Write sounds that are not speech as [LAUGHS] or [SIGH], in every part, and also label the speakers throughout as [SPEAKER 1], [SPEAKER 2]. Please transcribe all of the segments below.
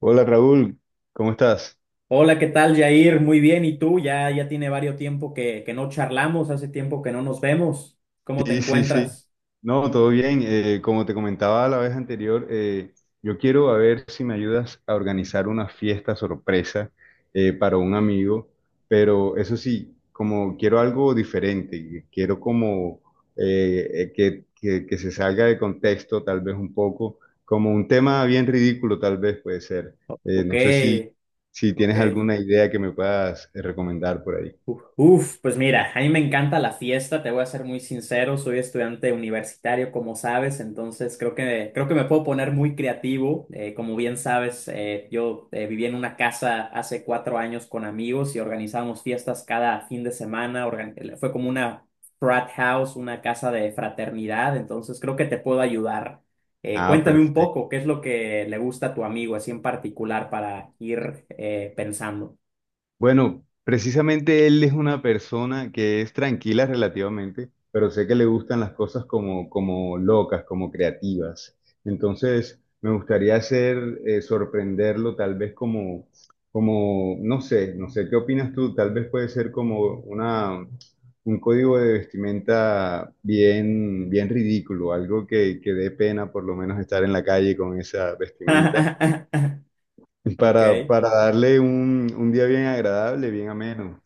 [SPEAKER 1] Hola Raúl, ¿cómo estás?
[SPEAKER 2] Hola, ¿qué tal, Jair? Muy bien, ¿y tú? Ya tiene varios tiempo que no charlamos, hace tiempo que no nos vemos. ¿Cómo te
[SPEAKER 1] Sí, sí, sí.
[SPEAKER 2] encuentras?
[SPEAKER 1] No, todo bien. Como te comentaba la vez anterior, yo quiero a ver si me ayudas a organizar una fiesta sorpresa para un amigo, pero eso sí, como quiero algo diferente, quiero como que se salga de contexto tal vez un poco, como un tema bien ridículo tal vez puede ser.
[SPEAKER 2] Ok,
[SPEAKER 1] No sé si, si
[SPEAKER 2] ok.
[SPEAKER 1] tienes alguna idea que me puedas recomendar por ahí.
[SPEAKER 2] Pues mira, a mí me encanta la fiesta, te voy a ser muy sincero, soy estudiante universitario, como sabes, entonces creo que me puedo poner muy creativo. Como bien sabes, yo viví en una casa hace 4 años con amigos y organizábamos fiestas cada fin de semana, fue como una frat house, una casa de fraternidad, entonces creo que te puedo ayudar.
[SPEAKER 1] Ah,
[SPEAKER 2] Cuéntame un
[SPEAKER 1] perfecto.
[SPEAKER 2] poco, ¿qué es lo que le gusta a tu amigo, así en particular, para ir pensando?
[SPEAKER 1] Bueno, precisamente él es una persona que es tranquila relativamente, pero sé que le gustan las cosas como locas, como creativas. Entonces, me gustaría hacer, sorprenderlo tal vez no sé, no sé, ¿qué opinas tú? Tal vez puede ser como una, un código de vestimenta bien, bien ridículo, algo que dé pena por lo menos estar en la calle con esa vestimenta
[SPEAKER 2] [LAUGHS] Ok.
[SPEAKER 1] para darle un día bien agradable, bien ameno.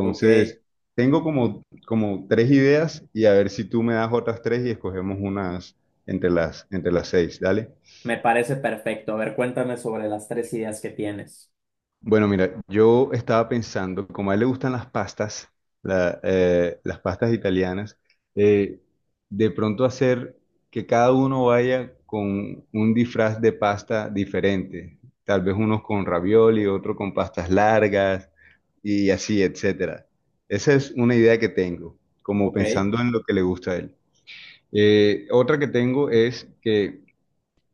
[SPEAKER 2] Ok,
[SPEAKER 1] tengo como tres ideas y a ver si tú me das otras tres y escogemos unas entre las seis. Dale.
[SPEAKER 2] me parece perfecto. A ver, cuéntame sobre las tres ideas que tienes.
[SPEAKER 1] Bueno, mira, yo estaba pensando, como a él le gustan las pastas, las pastas italianas, eh, de pronto hacer que cada uno vaya con un disfraz de pasta diferente, tal vez unos con ravioli, otro con pastas largas y así, etcétera. Esa es una idea que tengo, como
[SPEAKER 2] Ok,
[SPEAKER 1] pensando en lo que le gusta a él. Otra que tengo es que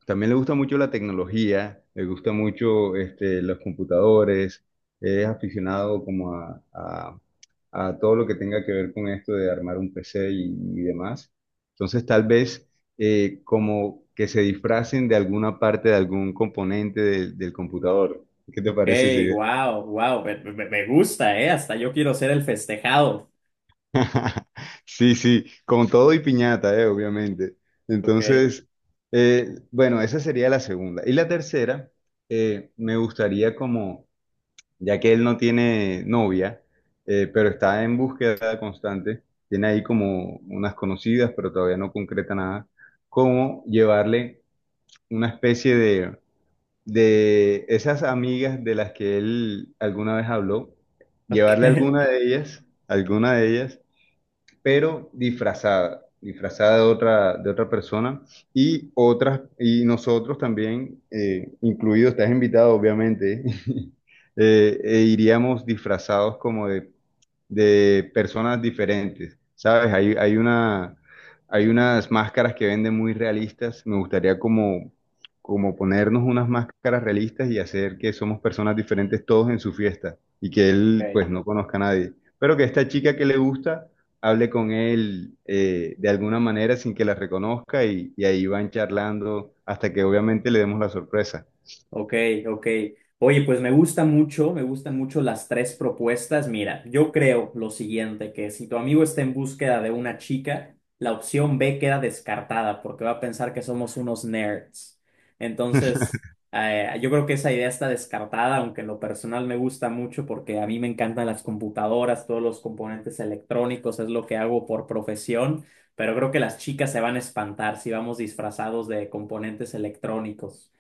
[SPEAKER 1] también le gusta mucho la tecnología, le gusta mucho este, los computadores, es aficionado como a todo lo que tenga que ver con esto de armar un PC y demás. Entonces tal vez como que se disfracen de alguna parte, de algún componente del computador. ¿Qué te
[SPEAKER 2] ok,
[SPEAKER 1] parece esa idea?
[SPEAKER 2] wow, wow, me gusta, ¿eh? Hasta yo quiero ser el festejado.
[SPEAKER 1] [LAUGHS] Sí, sí, con todo y piñata, obviamente.
[SPEAKER 2] Ok, [LAUGHS]
[SPEAKER 1] Entonces, bueno, esa sería la segunda. Y la tercera, me gustaría como ya que él no tiene novia, pero está en búsqueda constante, tiene ahí como unas conocidas, pero todavía no concreta nada, cómo llevarle una especie de esas amigas de las que él alguna vez habló, llevarle
[SPEAKER 2] ok,
[SPEAKER 1] alguna de ellas pero disfrazada, disfrazada de otra persona y otras, y nosotros también, incluido, estás invitado obviamente, [LAUGHS] iríamos disfrazados como de personas diferentes, ¿sabes? Hay una, hay unas máscaras que venden muy realistas. Me gustaría como ponernos unas máscaras realistas y hacer que somos personas diferentes todos en su fiesta y que él
[SPEAKER 2] ok.
[SPEAKER 1] pues no conozca a nadie. Pero que esta chica que le gusta hable con él de alguna manera sin que la reconozca y ahí van charlando hasta que obviamente le demos la sorpresa.
[SPEAKER 2] Ok, ok. Oye, pues me gusta mucho, me gustan mucho las tres propuestas. Mira, yo creo lo siguiente, que si tu amigo está en búsqueda de una chica, la opción B queda descartada porque va a pensar que somos unos nerds. Entonces, yo creo que esa idea está descartada, aunque en lo personal me gusta mucho porque a mí me encantan las computadoras, todos los componentes electrónicos, es lo que hago por profesión, pero creo que las chicas se van a espantar si vamos disfrazados de componentes electrónicos.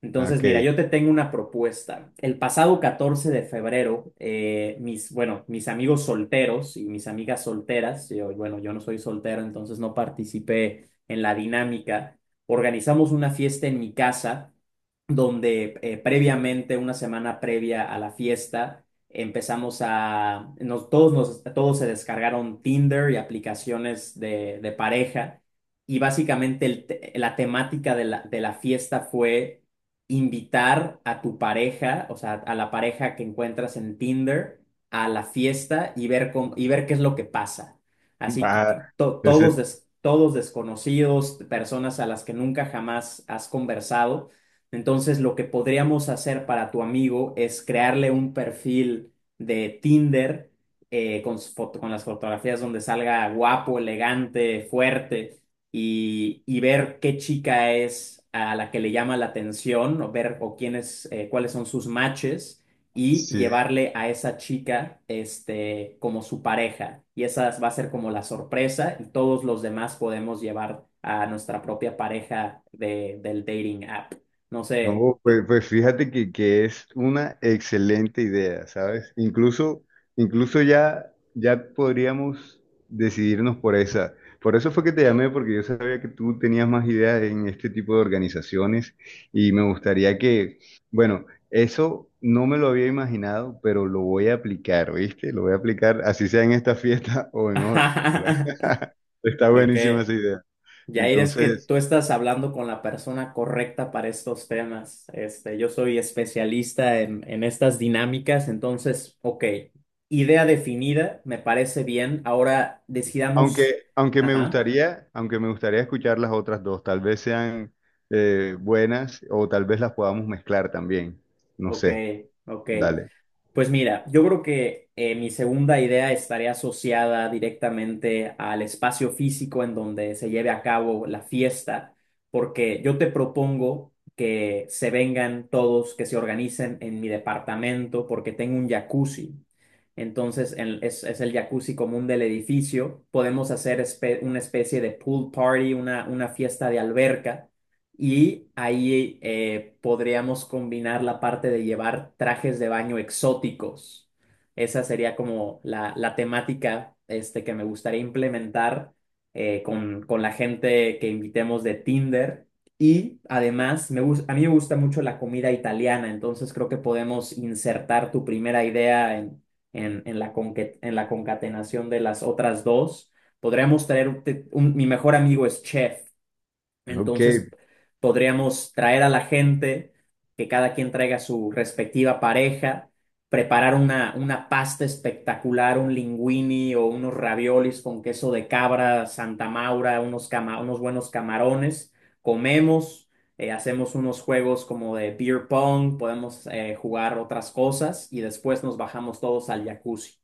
[SPEAKER 2] Entonces, mira,
[SPEAKER 1] Ok,
[SPEAKER 2] yo te tengo una propuesta. El pasado 14 de febrero, mis amigos solteros y mis amigas solteras, yo, bueno, yo no soy soltero, entonces no participé en la dinámica, organizamos una fiesta en mi casa donde previamente, una semana previa a la fiesta, empezamos a, nos, todos se descargaron Tinder y aplicaciones de pareja y básicamente la temática de la fiesta fue invitar a tu pareja, o sea, a la pareja que encuentras en Tinder, a la fiesta y ver y ver qué es lo que pasa.
[SPEAKER 1] [LAUGHS]
[SPEAKER 2] Así
[SPEAKER 1] va.
[SPEAKER 2] que todos,
[SPEAKER 1] Ese-
[SPEAKER 2] todos desconocidos, personas a las que nunca jamás has conversado. Entonces, lo que podríamos hacer para tu amigo es crearle un perfil de Tinder con las fotografías donde salga guapo, elegante, fuerte y ver qué chica es a la que le llama la atención, o ver o quiénes, cuáles son sus matches, y
[SPEAKER 1] sí.
[SPEAKER 2] llevarle a esa chica este, como su pareja. Y esa va a ser como la sorpresa, y todos los demás podemos llevar a nuestra propia pareja de, del dating app. No sé.
[SPEAKER 1] No, pues, pues fíjate que es una excelente idea, ¿sabes? Incluso, incluso ya, ya podríamos decidirnos por esa. Por eso fue que te llamé, porque yo sabía que tú tenías más ideas en este tipo de organizaciones y me gustaría que, bueno, eso no me lo había imaginado, pero lo voy a aplicar, ¿viste? Lo voy a aplicar, así sea en esta fiesta [LAUGHS] o en otra.
[SPEAKER 2] [LAUGHS]
[SPEAKER 1] [LAUGHS] Está
[SPEAKER 2] Ok.
[SPEAKER 1] buenísima esa idea.
[SPEAKER 2] Yair, es que
[SPEAKER 1] Entonces...
[SPEAKER 2] tú estás hablando con la persona correcta para estos temas. Este, yo soy especialista en estas dinámicas, entonces, ok, idea definida, me parece bien. Ahora decidamos,
[SPEAKER 1] Aunque,
[SPEAKER 2] ajá,
[SPEAKER 1] aunque me gustaría escuchar las otras dos, tal vez sean buenas o tal vez las podamos mezclar también. No
[SPEAKER 2] ok,
[SPEAKER 1] sé,
[SPEAKER 2] ok.
[SPEAKER 1] dale.
[SPEAKER 2] Pues mira, yo creo que mi segunda idea estaría asociada directamente al espacio físico en donde se lleve a cabo la fiesta, porque yo te propongo que se vengan todos, que se organicen en mi departamento, porque tengo un jacuzzi. Entonces, es el jacuzzi común del edificio. Podemos hacer una especie de pool party, una fiesta de alberca y ahí podríamos combinar la parte de llevar trajes de baño exóticos. Esa sería como la temática este, que me gustaría implementar con la gente que invitemos de Tinder. Y además, a mí me gusta mucho la comida italiana, entonces creo que podemos insertar tu primera idea en la concatenación de las otras dos. Podríamos traer, un- te- un- Mi mejor amigo es chef.
[SPEAKER 1] Ok,
[SPEAKER 2] Entonces, podríamos traer a la gente, que cada quien traiga su respectiva pareja, preparar una pasta espectacular, un linguini o unos raviolis con queso de cabra, Santa Maura, unos buenos camarones. Comemos, hacemos unos juegos como de beer pong, podemos jugar otras cosas y después nos bajamos todos al jacuzzi.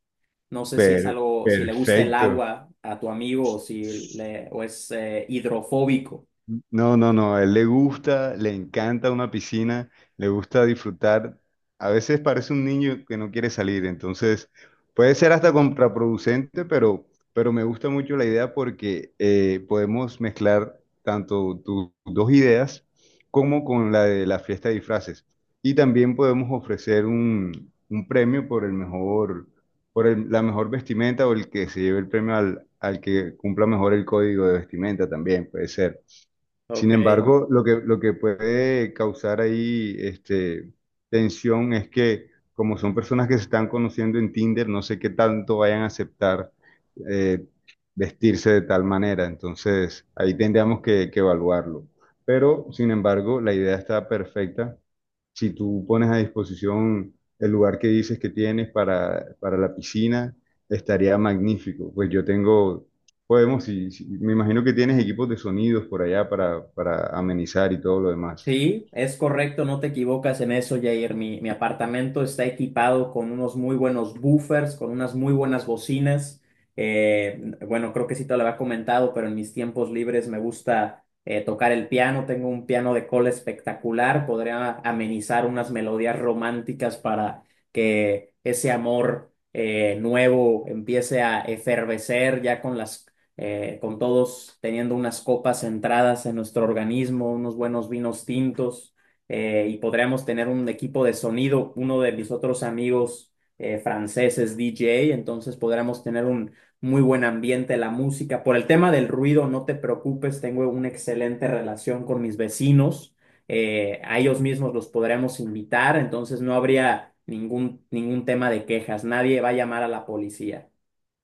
[SPEAKER 2] No sé si es
[SPEAKER 1] per-
[SPEAKER 2] algo, si le gusta el
[SPEAKER 1] perfecto.
[SPEAKER 2] agua a tu amigo o si le, o es hidrofóbico.
[SPEAKER 1] No, no, no, a él le gusta, le encanta una piscina, le gusta disfrutar. A veces parece un niño que no quiere salir, entonces puede ser hasta contraproducente, pero me gusta mucho la idea porque podemos mezclar tanto tus dos ideas como con la de la fiesta de disfraces. Y también podemos ofrecer un premio por el mejor, por el- la mejor vestimenta o el que se lleve el premio al, al que cumpla mejor el código de vestimenta también, puede ser. Sin
[SPEAKER 2] Ok,
[SPEAKER 1] embargo, lo que puede causar ahí este, tensión es que como son personas que se están conociendo en Tinder, no sé qué tanto vayan a aceptar eh, vestirse de tal manera. Entonces, ahí tendríamos que evaluarlo. Pero, sin embargo, la idea está perfecta si tú pones a disposición el lugar que dices que tienes para la piscina, estaría magnífico. Pues yo tengo, podemos, si- si- me imagino que tienes equipos de sonidos por allá para amenizar y todo lo demás.
[SPEAKER 2] sí, es correcto, no te equivocas en eso, Jair. Mi apartamento está equipado con unos muy buenos buffers, con unas muy buenas bocinas. Eh, bueno, creo que sí te lo había comentado, pero en mis tiempos libres me gusta tocar el piano. Tengo un piano de cola espectacular. Podría amenizar unas melodías románticas para que ese amor nuevo empiece a efervecer ya con las con todos teniendo unas copas centradas en nuestro organismo, unos buenos vinos tintos, y podríamos tener un equipo de sonido, uno de mis otros amigos franceses, DJ, entonces podríamos tener un muy buen ambiente, la música. Por el tema del ruido, no te preocupes, tengo una excelente relación con mis vecinos, a ellos mismos los podremos invitar, entonces no habría ningún tema de quejas, nadie va a llamar a la policía.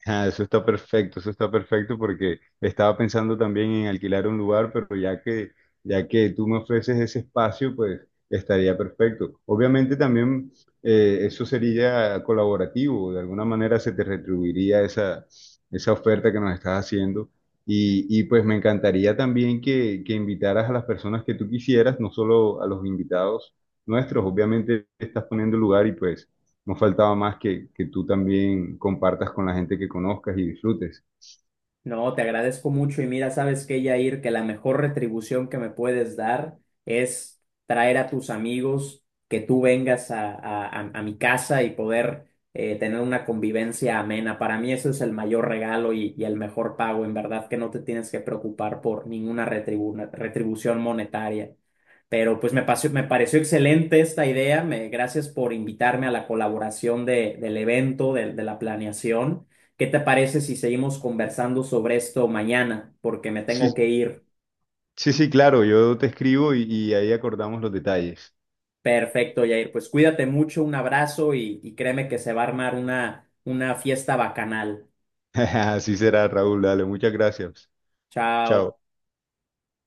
[SPEAKER 1] Ah, eso está perfecto porque estaba pensando también en alquilar un lugar, pero ya que tú me ofreces ese espacio, pues estaría perfecto. Obviamente también eso sería colaborativo, de alguna manera se te retribuiría esa, esa oferta que nos estás haciendo. Y pues me encantaría también que invitaras a las personas que tú quisieras, no solo a los invitados nuestros, obviamente estás poniendo el lugar y pues... No faltaba más que tú también compartas con la gente que conozcas y disfrutes.
[SPEAKER 2] No, te agradezco mucho y mira, sabes qué, Yair, que la mejor retribución que me puedes dar es traer a tus amigos, que tú vengas a mi casa y poder tener una convivencia amena. Para mí eso es el mayor regalo y el mejor pago. En verdad que no te tienes que preocupar por ninguna retribución monetaria. Pero pues me pareció excelente esta idea. Gracias por invitarme a la colaboración del evento, de la planeación. ¿Qué te parece si seguimos conversando sobre esto mañana? Porque me tengo
[SPEAKER 1] Sí,
[SPEAKER 2] que ir.
[SPEAKER 1] sí, sí, claro, yo te escribo y ahí acordamos los detalles.
[SPEAKER 2] Perfecto, Jair. Pues cuídate mucho, un abrazo y créeme que se va a armar una fiesta bacanal.
[SPEAKER 1] [LAUGHS] Así será, Raúl, dale, muchas gracias. Chao.
[SPEAKER 2] Chao.